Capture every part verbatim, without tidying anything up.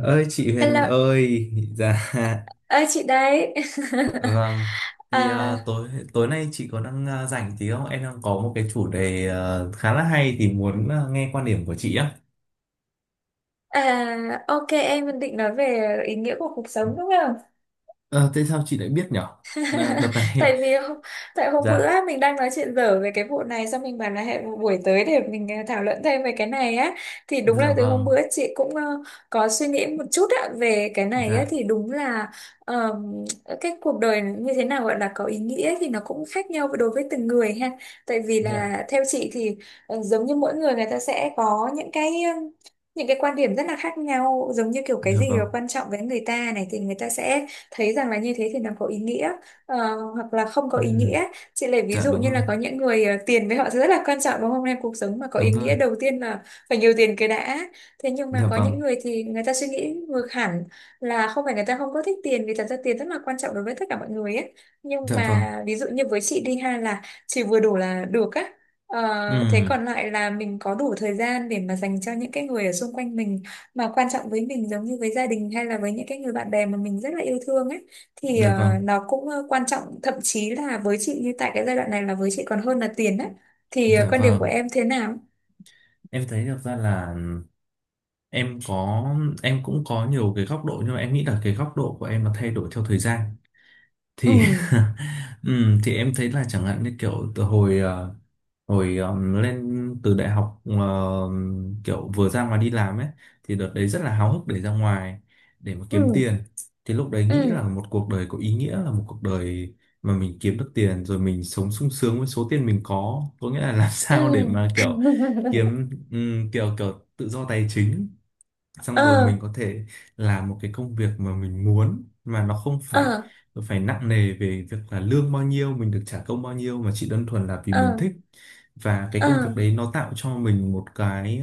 Ơi chị Huyền Hello, ơi! Dạ ơi chị đấy. vâng. Thì à, ờ, tối tối nay chị có đang ờ, rảnh tí không? Em đang có một cái chủ đề ờ, khá là hay thì muốn ờ, nghe quan điểm của chị á. à, ok em định nói về ý nghĩa của cuộc sống đúng không? Ờ, thế sao chị lại biết nhở? Là đợt này. tại vì hôm- Tại hôm bữa Dạ. á, mình đang nói chuyện dở về cái vụ này xong mình bảo là hẹn một buổi tới để mình ờ, thảo luận thêm về cái này á. Thì đúng Dạ là từ hôm vâng. bữa chị cũng ờ, có suy nghĩ một chút á, về cái này á. Dạ. Thì đúng là ờm, cái cuộc đời như thế nào gọi là có ý nghĩa thì nó cũng khác nhau đối với từng người ha. Tại vì Dạ. là theo chị thì ờ, giống như mỗi người người ta sẽ có những cái ờ, những cái quan điểm rất là khác nhau, giống như kiểu cái Dạ gì là vâng. quan trọng với người ta này thì người ta sẽ thấy rằng là như thế thì nó có ý nghĩa, ờ, hoặc là không có ý Ừ. nghĩa. Chị lấy ví Dạ dụ đúng như rồi. là có những người ờ, tiền với họ rất là quan trọng đúng không em, cuộc sống mà có Đúng ý rồi. nghĩa đầu tiên là phải nhiều tiền cái đã. Thế nhưng Dạ mà có những vâng. người thì người ta suy nghĩ ngược hẳn, là không phải người ta không có thích tiền, vì thật ra tiền rất là quan trọng đối với tất cả mọi người ấy, nhưng Dạ vâng. mà ví dụ như với chị đi ha, là chỉ vừa đủ là được á. Ờ, thế Ừ. còn lại là mình có đủ thời gian để mà dành cho những cái người ở xung quanh mình mà quan trọng với mình, giống như với gia đình hay là với những cái người bạn bè mà mình rất là yêu thương á, thì Dạ ờ, vâng. nó cũng ờ, quan trọng, thậm chí là với chị như tại cái giai đoạn này là với chị còn hơn là tiền á. Thì ờ, Dạ quan điểm của vâng. em thế nào? Em thấy được ra là em có em cũng có nhiều cái góc độ, nhưng mà em nghĩ là cái góc độ của em nó thay đổi theo thời gian. Ừ. Thì ừm, thì em thấy là chẳng hạn như kiểu từ hồi ờ, hồi ờm, lên từ đại học, ờ, kiểu vừa ra ngoài đi làm ấy, thì đợt đấy rất là háo hức để ra ngoài, để mà kiếm tiền. Ừ. Thì lúc đấy nghĩ Ừ. là một cuộc đời có ý nghĩa là một cuộc đời mà mình kiếm được tiền rồi mình sống sung sướng với số tiền mình có có nghĩa là làm sao để Ừ. mà kiểu kiếm ừm, kiểu kiểu tự do tài chính, xong ờ rồi mình có thể làm một cái công việc mà mình muốn, mà nó không ờ phải phải nặng nề về việc là lương bao nhiêu, mình được trả công bao nhiêu, mà chỉ đơn thuần là vì ờ mình thích, và cái ờ công việc đấy nó tạo cho mình một cái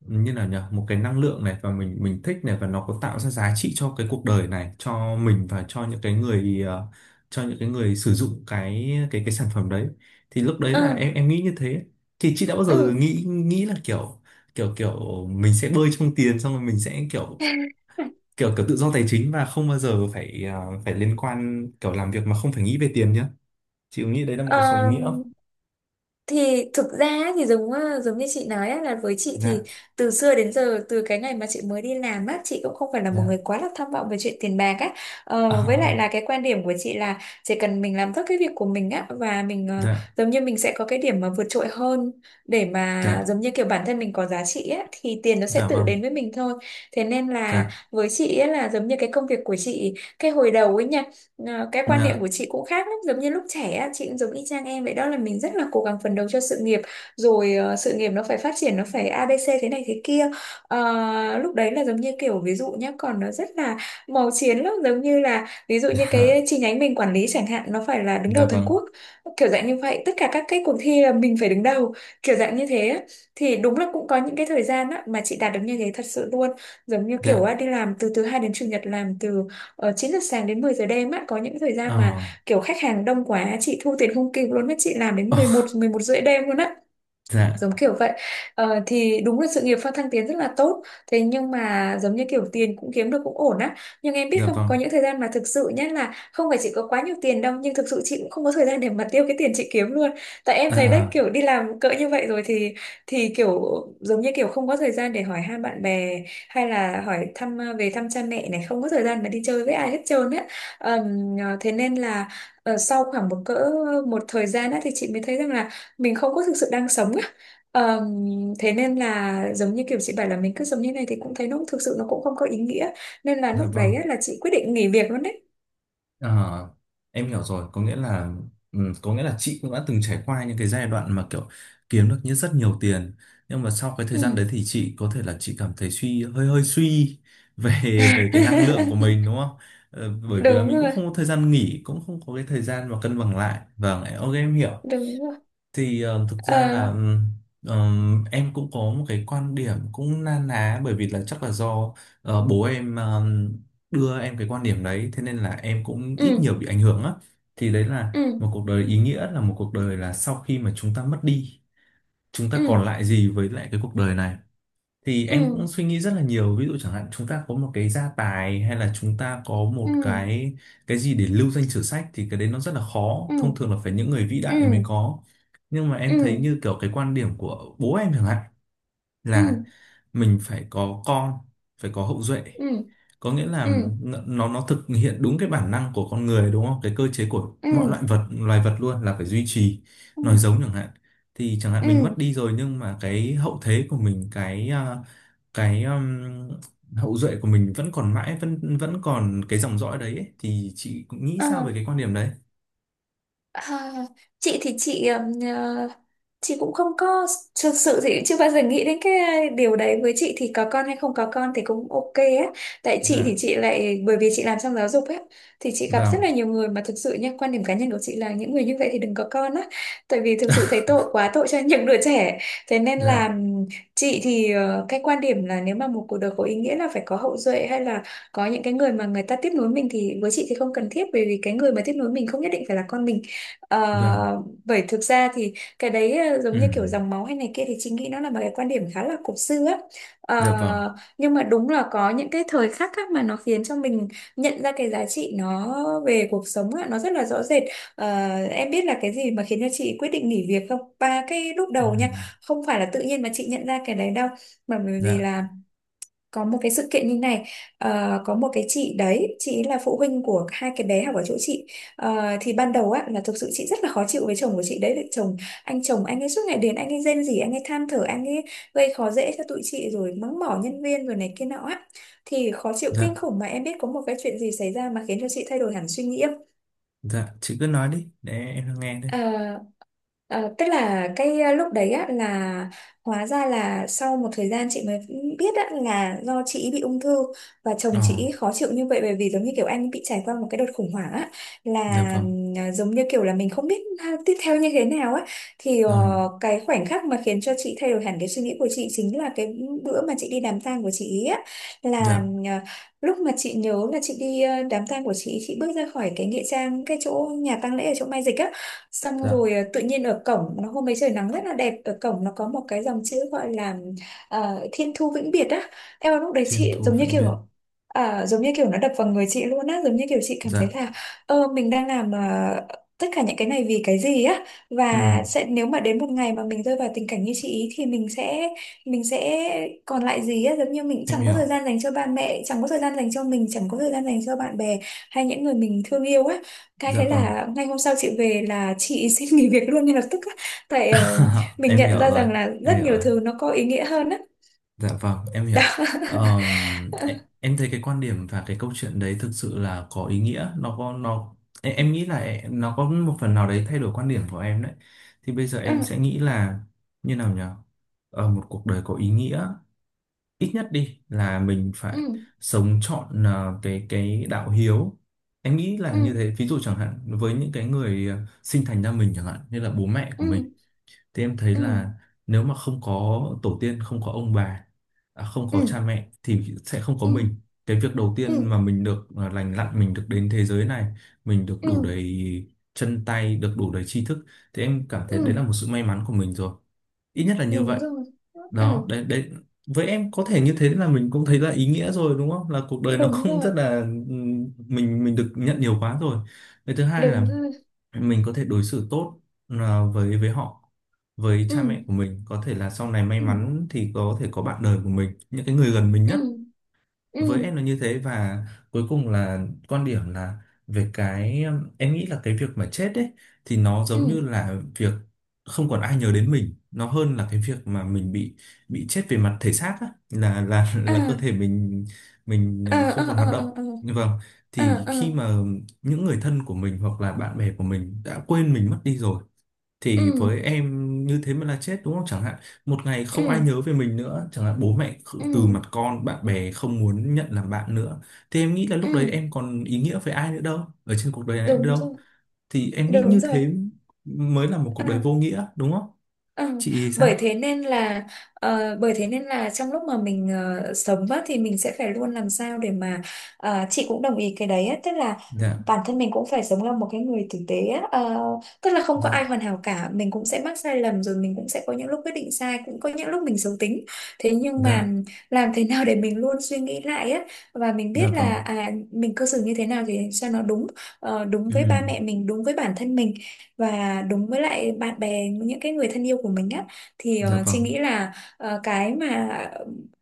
như là nhờ một cái năng lượng này, và mình mình thích này, và nó có tạo ra giá trị cho cái cuộc đời này, cho mình, và cho những cái người ờ, cho những cái người sử dụng cái cái cái sản phẩm đấy. Thì lúc đấy ờ là em em nghĩ như thế. Thì chị đã bao giờ ừ. nghĩ nghĩ là kiểu kiểu kiểu mình sẽ bơi trong tiền, xong rồi mình sẽ kiểu kiểu kiểu tự do tài chính, và không bao giờ phải ờ, phải liên quan kiểu làm việc mà không phải nghĩ về tiền nhá? Chị có nghĩ đấy là một cuộc sống ý Ờ, nghĩa không? thì thực ra ấy, thì giống ờ, giống như chị nói á, là với chị thì Dạ. từ xưa đến giờ, từ cái ngày mà chị mới đi làm á, chị cũng không phải là một người Dạ. quá là tham vọng về chuyện tiền bạc á. Ờ, với lại À. là cái quan điểm của chị là chỉ cần mình làm tốt cái việc của mình á và mình ờ, Dạ. giống như mình sẽ có cái điểm mà vượt trội hơn, để mà Dạ. giống như kiểu bản thân mình có giá trị á, thì tiền nó sẽ Dạ tự vâng. đến với mình thôi. Thế nên là Dạ. với chị ấy, là giống như cái công việc của chị cái hồi đầu ấy nha. Ờ, cái quan niệm Dạ. của chị cũng khác lắm, giống như lúc trẻ á, chị cũng giống y chang em vậy đó, là mình rất là cố gắng phấn đấu cho sự nghiệp, rồi ờ, sự nghiệp nó phải phát triển, nó phải a ABC thế này thế kia. Ờ, lúc đấy là giống như kiểu ví dụ nhé, còn nó rất là màu chiến lắm, giống như là ví dụ như Dạ. cái chi nhánh mình quản lý chẳng hạn nó phải là đứng đầu Dạ toàn vâng. quốc, kiểu dạng như vậy, tất cả các cái cuộc thi là mình phải đứng đầu, kiểu dạng như thế á. Thì đúng là cũng có những cái thời gian á, mà chị đạt được như thế thật sự luôn, giống như kiểu Dạ. á, đi làm từ thứ hai đến chủ nhật, làm từ ở chín giờ sáng đến mười giờ đêm á, có những thời Ờ. gian mà kiểu khách hàng đông quá chị thu tiền không kịp luôn á, chị làm đến Ờ. mười một mười một rưỡi đêm luôn á, Dạ. giống kiểu vậy. Ờ, thì đúng là sự nghiệp phát Thăng Tiến rất là tốt, thế nhưng mà giống như kiểu tiền cũng kiếm được cũng ổn á, nhưng em biết Dạ không, vâng. có những thời gian mà thực sự nhá, là không phải chị có quá nhiều tiền đâu, nhưng thực sự chị cũng không có thời gian để mà tiêu cái tiền chị kiếm luôn. Tại em thấy đấy, À. kiểu đi làm cỡ như vậy rồi thì thì kiểu giống như kiểu không có thời gian để hỏi han bạn bè, hay là hỏi thăm à, về thăm cha mẹ này, không có thời gian mà đi chơi với ai hết trơn á. Ờm, ờ, thế nên là ờ, sau khoảng một cỡ một thời gian á, thì chị mới thấy rằng là mình không có thực sự đang sống. Ờm, Thế nên là giống như kiểu chị bảo là mình cứ giống như này thì cũng thấy nó thực sự nó cũng không có ý nghĩa, nên là Dạ lúc vâng. đấy á, là chị quyết định nghỉ việc luôn đấy. Ờ, em hiểu rồi, có nghĩa là ừ, có nghĩa là chị cũng đã từng trải qua những cái giai đoạn mà kiểu kiếm được như rất nhiều tiền, nhưng mà sau cái thời gian Ừ. đấy thì chị có thể là chị cảm thấy suy, hơi hơi suy về về cái năng lượng của mình, đúng không? Ờ, bởi vì là Đúng mình cũng rồi, không có thời gian nghỉ, cũng không có cái thời gian mà cân bằng lại. Vâng, ok, em hiểu. đúng rồi. Thì ờ, thực ra là Ờ, ừm, ờm, em cũng có một cái quan điểm cũng na ná, bởi vì là chắc là do ờ, bố em ờm, đưa em cái quan điểm đấy, thế nên là em cũng ít nhiều ừ. bị ảnh hưởng á. Thì đấy là Ừ. một cuộc đời ý nghĩa là một cuộc đời là sau khi mà chúng ta mất đi, chúng ta Ừ. còn lại gì với lại cái cuộc đời này. Thì Ừ. em cũng suy nghĩ rất là nhiều, ví dụ chẳng hạn chúng ta có một cái gia tài, hay là chúng ta có Ừ. một cái cái gì để lưu danh sử sách, thì cái đấy nó rất là khó, Ừ. thông thường là phải những người vĩ Ừ. đại mới có. Nhưng mà Ừ. em thấy như kiểu cái quan điểm của bố em chẳng hạn, Ừ. là mình phải có con, phải có hậu duệ, Ừ. có nghĩa là Ừ. n- nó nó thực hiện đúng cái bản năng của con người, đúng không? Cái cơ chế của Ừ. mọi loại vật loài vật luôn là phải duy trì nói Ừ. giống chẳng hạn. Thì chẳng hạn mình mất Ừ. đi rồi, nhưng mà cái hậu thế của mình, cái à, cái um, hậu duệ của mình vẫn còn mãi, vẫn vẫn còn cái dòng dõi đấy ấy. Thì chị cũng nghĩ Ừ. sao về cái quan điểm đấy? À, chị thì chị ừm, ờ, chị cũng không có, thực sự thì chưa bao giờ nghĩ đến cái điều đấy, với chị thì có con hay không có con thì cũng ok á. Tại chị thì Dạ chị lại bởi vì chị làm trong giáo dục á, thì chị gặp rất vâng. là nhiều người mà thực sự nha, quan điểm cá nhân của chị là những người như vậy thì đừng có con á. Tại vì thực sự thấy tội quá, tội cho những đứa trẻ. Thế nên là Dạ ừm, chị thì ờ, cái quan điểm là nếu mà một cuộc đời có ý nghĩa là phải có hậu duệ hay là có những cái người mà người ta tiếp nối mình, thì với chị thì không cần thiết, bởi vì cái người mà tiếp nối mình không nhất định phải là con mình. vâng. Ờ, bởi thực ra thì cái đấy ờ, giống Ừ. như kiểu dòng máu hay này kia, thì chị nghĩ nó là một cái quan điểm khá là cổ xưa á. Dạ vâng. Ờ, nhưng mà đúng là có những cái thời khắc á mà nó khiến cho mình nhận ra cái giá trị nó về cuộc sống á, nó rất là rõ rệt. Ờ, em biết là cái gì mà khiến cho chị quyết định nghỉ việc không? Ba cái lúc Ừ. đầu nha, không phải là tự nhiên mà chị nhận ra cái đấy đâu, mà bởi vì Dạ. là có một cái sự kiện như này. Ờ, có một cái chị đấy, chị ấy là phụ huynh của hai cái bé học ở chỗ chị. Ờ, thì ban đầu á là thực sự chị rất là khó chịu với chồng của chị đấy. Vì chồng Anh chồng, anh ấy suốt ngày đến anh ấy rên rỉ, anh ấy than thở, anh ấy gây khó dễ cho tụi chị, rồi mắng mỏ nhân viên rồi này kia nọ á, thì khó chịu kinh Dạ. khủng. Mà em biết có một cái chuyện gì xảy ra mà khiến cho chị thay đổi hẳn suy nghĩ. Dạ, chị cứ nói đi để em nghe đây. Ờ, ờ, Tức là cái ờ, lúc đấy á là hóa ra là sau một thời gian chị mới biết á, là do chị ý bị ung thư, và chồng Ờ. chị ý khó chịu như vậy bởi vì giống như kiểu anh bị trải qua một cái đợt khủng hoảng á, Dạ là vâng. ừm, à, giống như kiểu là mình không biết ha- tiếp theo như thế nào á. Thì Ờ. ờ, cái khoảnh khắc mà khiến cho chị thay đổi hẳn cái suy nghĩ của chị chính là cái bữa mà chị đi đám tang của chị ý á, là Dạ. ừm, à, lúc mà chị nhớ là chị đi ờ, đám tang của chị ý, chị bước ra khỏi cái nghĩa trang, cái chỗ nhà tang lễ ở chỗ Mai Dịch á, xong Dạ. rồi à, tự nhiên ở cổng nó, hôm ấy trời nắng rất là đẹp, ở cổng nó có một cái dòng chữ gọi là ờ, Thiên Thu Vĩnh Biệt á. Em lúc đấy Thiên chị thu giống như vĩnh kiểu biệt. à, giống như kiểu nó đập vào người chị luôn á, giống như kiểu chị cảm thấy Dạ. là ơ mình đang làm ờ, tất cả những cái này vì cái gì á, và Ừ, sẽ nếu mà đến một ngày mà mình rơi vào tình cảnh như chị ý thì mình sẽ mình sẽ còn lại gì á, giống như mình em chẳng có thời hiểu. gian dành cho ba mẹ, chẳng có thời gian dành cho mình, chẳng có thời gian dành cho bạn bè hay những người mình thương yêu á. Cái Dạ thế vâng. là ngay hôm sau chị về là chị xin nghỉ việc luôn ngay lập tức á. Tại ờ, mình Em hiểu nhận ra rồi. rằng là Em rất hiểu nhiều rồi. thứ nó có ý nghĩa hơn á. Dạ vâng, em hiểu. Đó. Ờm, e- em thấy cái quan điểm và cái câu chuyện đấy thực sự là có ý nghĩa. Nó có nó e- em nghĩ là e- nó có một phần nào đấy thay đổi quan điểm của em đấy. Thì bây giờ em Ừ, sẽ nghĩ là như nào nhỉ? Ờ, một cuộc đời có ý nghĩa, ít nhất đi là mình phải ừ, sống trọn ờ, cái cái đạo hiếu. Em nghĩ là như ừ, thế. Ví dụ chẳng hạn với những cái người ờ, sinh thành ra mình, chẳng hạn như là bố mẹ của ừ, mình, thì em thấy ừ, là nếu mà không có tổ tiên, không có ông bà, à, không có cha ừ, mẹ, thì sẽ không có ừ, mình. Cái việc đầu tiên ừ, mà mình được, à, lành lặn mình được đến thế giới này, mình được đủ đầy, chân tay được đủ đầy tri thức, thì em cảm thấy đấy ừ, là một sự may mắn của mình rồi. Ít nhất là ừ, như đúng vậy. rồi. Đó, Ừ, đấy đấy. Với em có thể như thế là mình cũng thấy là ý nghĩa rồi, đúng không, là cuộc đời nó đúng cũng rồi, rất là, ừm, mình mình được nhận nhiều quá rồi. Cái thứ hai là đúng rồi. mình có thể đối xử tốt, à, với với họ, với cha mẹ Ừ, của mình, có thể là sau này may ừ, mắn thì có thể có bạn đời của mình, những cái người gần mình nhất. ừ, ừ, Với em là như thế. Và cuối cùng là quan điểm là về cái, em nghĩ là cái việc mà chết ấy, thì nó giống như ừ. là việc không còn ai nhớ đến mình, nó hơn là cái việc mà mình bị bị chết về mặt thể xác á, là là À, là cơ thể mình mình à, ờ, không à, còn hoạt à, động à, như vâng. à, Thì à, khi à, mà những người thân của mình hoặc là bạn bè của mình đã quên mình mất đi rồi, ừ, thì với em như thế mới là chết, đúng không? Chẳng hạn một ngày không ai ừ, nhớ về mình nữa, chẳng hạn bố mẹ kh- từ ừ, mặt con, bạn bè không muốn nhận làm bạn nữa, thì em nghĩ là lúc đấy ừ, em còn ý nghĩa với ai nữa đâu, ở trên cuộc đời này nữa đúng đâu. rồi, Thì em nghĩ đúng như rồi. thế mới là một cuộc đời À, vô nghĩa, đúng không? ừ, Chị thì sao? bởi thế nên là ờ, bởi thế nên là trong lúc mà mình ờ, sống á, thì mình sẽ phải luôn làm sao để mà ờ, chị cũng đồng ý cái đấy á, tức là Dạ. bản thân mình cũng phải sống là một cái người tử tế á, ờ, tức là không có ai Dạ. hoàn hảo cả, mình cũng sẽ mắc sai lầm, rồi mình cũng sẽ có những lúc quyết định sai, cũng có những lúc mình xấu tính, thế nhưng mà Dạ. làm thế nào để mình luôn suy nghĩ lại á, và mình Dạ biết là vâng. à, mình cư xử như thế nào thì cho nó đúng, ờ, đúng Ừ. với ba mẹ mình, đúng với bản thân mình, và đúng với lại bạn bè, những cái người thân yêu của mình á. Thì Dạ ờ, chị vâng. nghĩ là ờ, cái mà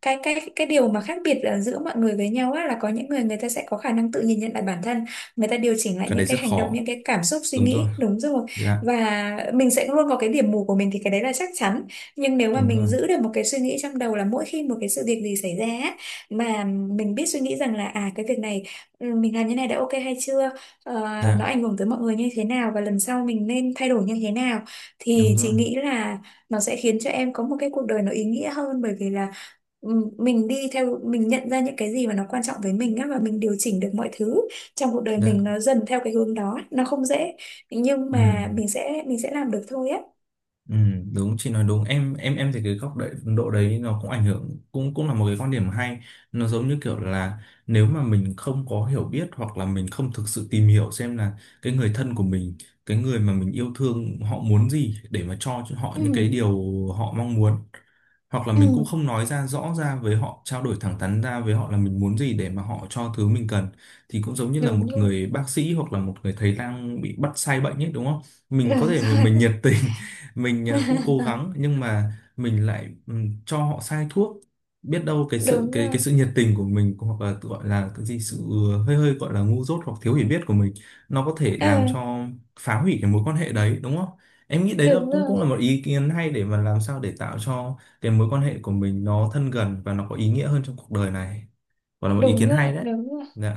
cái cái cái điều mà khác biệt ờ, giữa mọi người với nhau á, là có những người người ta sẽ có khả năng tự nhìn nhận lại bản thân, người ta điều chỉnh lại Cái những đấy cái rất hành động, khó. những cái cảm xúc, suy Đúng rồi. nghĩ đúng rồi. Dạ. Và mình sẽ luôn có cái điểm mù của mình, thì cái đấy là chắc chắn, nhưng nếu mà Đúng mình rồi. giữ được một cái suy nghĩ trong đầu là mỗi khi một cái sự việc gì xảy ra á, mà mình biết suy nghĩ rằng là à cái việc này, ừ, mình làm như này đã ok hay chưa, ờ, nó Dạ. ảnh hưởng tới mọi người như thế nào và lần sau mình nên thay đổi như thế nào, thì Đúng chị rồi. nghĩ là nó sẽ khiến cho em có một cái cuộc đời nó ý nghĩa hơn, bởi vì là ừm, mình đi theo mình nhận ra những cái gì mà nó quan trọng với mình á, và mình điều chỉnh được mọi thứ trong cuộc đời Dạ. mình nó dần theo cái hướng đó. Nó không dễ, nhưng Ừ. mà mình sẽ mình sẽ làm được thôi á. Ừ, đúng, chị nói đúng. Em em em thấy cái góc độ độ đấy nó cũng ảnh hưởng, cũng cũng là một cái quan điểm hay. Nó giống như kiểu là nếu mà mình không có hiểu biết, hoặc là mình không thực sự tìm hiểu xem là cái người thân của mình, cái người mà mình yêu thương, họ muốn gì để mà cho cho họ Ừ. những cái điều họ mong muốn, hoặc là mình cũng Ừ. không nói ra rõ ra với họ, trao đổi thẳng thắn ra với họ là mình muốn gì để mà họ cho thứ mình cần, thì cũng giống như là một Đúng rồi, người bác sĩ hoặc là một người thầy lang bị bắt sai bệnh ấy, đúng không? Mình có đúng thể mà mình nhiệt rồi. tình, mình ờ, cũng cố gắng, nhưng mà mình lại ừm, cho họ sai thuốc. Biết đâu cái sự Đúng cái cái rồi. sự nhiệt tình của mình, hoặc là tự gọi là cái gì, sự ừ, hơi hơi gọi là ngu dốt hoặc thiếu hiểu biết của mình, nó có thể Ờ, làm cho, phá hủy cái mối quan hệ đấy, đúng không? Em nghĩ đấy là đúng cũng rồi, cũng là một ý kiến hay, để mà làm sao để tạo cho cái mối quan hệ của mình nó thân gần và nó có ý nghĩa hơn trong cuộc đời này. Gọi là một ý đúng kiến rồi, hay đấy. đúng rồi. Dạ.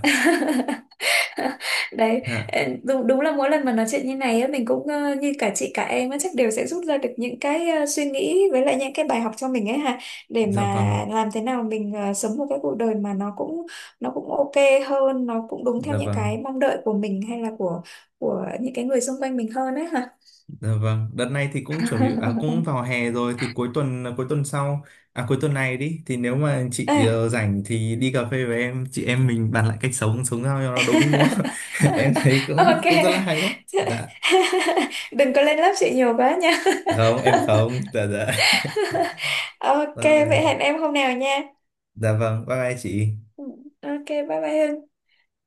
Đấy. Dạ. Ờ, đúng, đúng là mỗi lần mà nói chuyện như này á, mình cũng ờ, như cả chị cả em á, chắc đều sẽ rút ra được những cái ờ, suy nghĩ với lại những cái bài học cho mình ấy ha, để Dạ mà vâng. làm thế nào mình ờ, sống một cái cuộc đời mà nó cũng nó cũng ok hơn, nó cũng đúng theo Dạ những vâng. cái mong đợi của mình hay là của của những cái người xung quanh mình hơn ấy ha. Dạ vâng, đợt này thì cũng chuẩn bị, à, cũng vào hè rồi, thì cuối tuần, à, cuối tuần sau, à, cuối tuần này đi, thì nếu mà chị À. ờ, rảnh thì đi cà phê với em, chị em mình bàn lại cách sống sống sao cho nó đúng đúng không? Em thấy cũng Ok. cũng rất là hay đấy. Dạ. Đừng có lên lớp chị nhiều quá nha. Không, em không. Dạ. Dạ. Ok, vậy Rồi. hẹn em hôm nào nha. Dạ vâng, bye bye chị. Ừ. Ok, bye bye Hưng.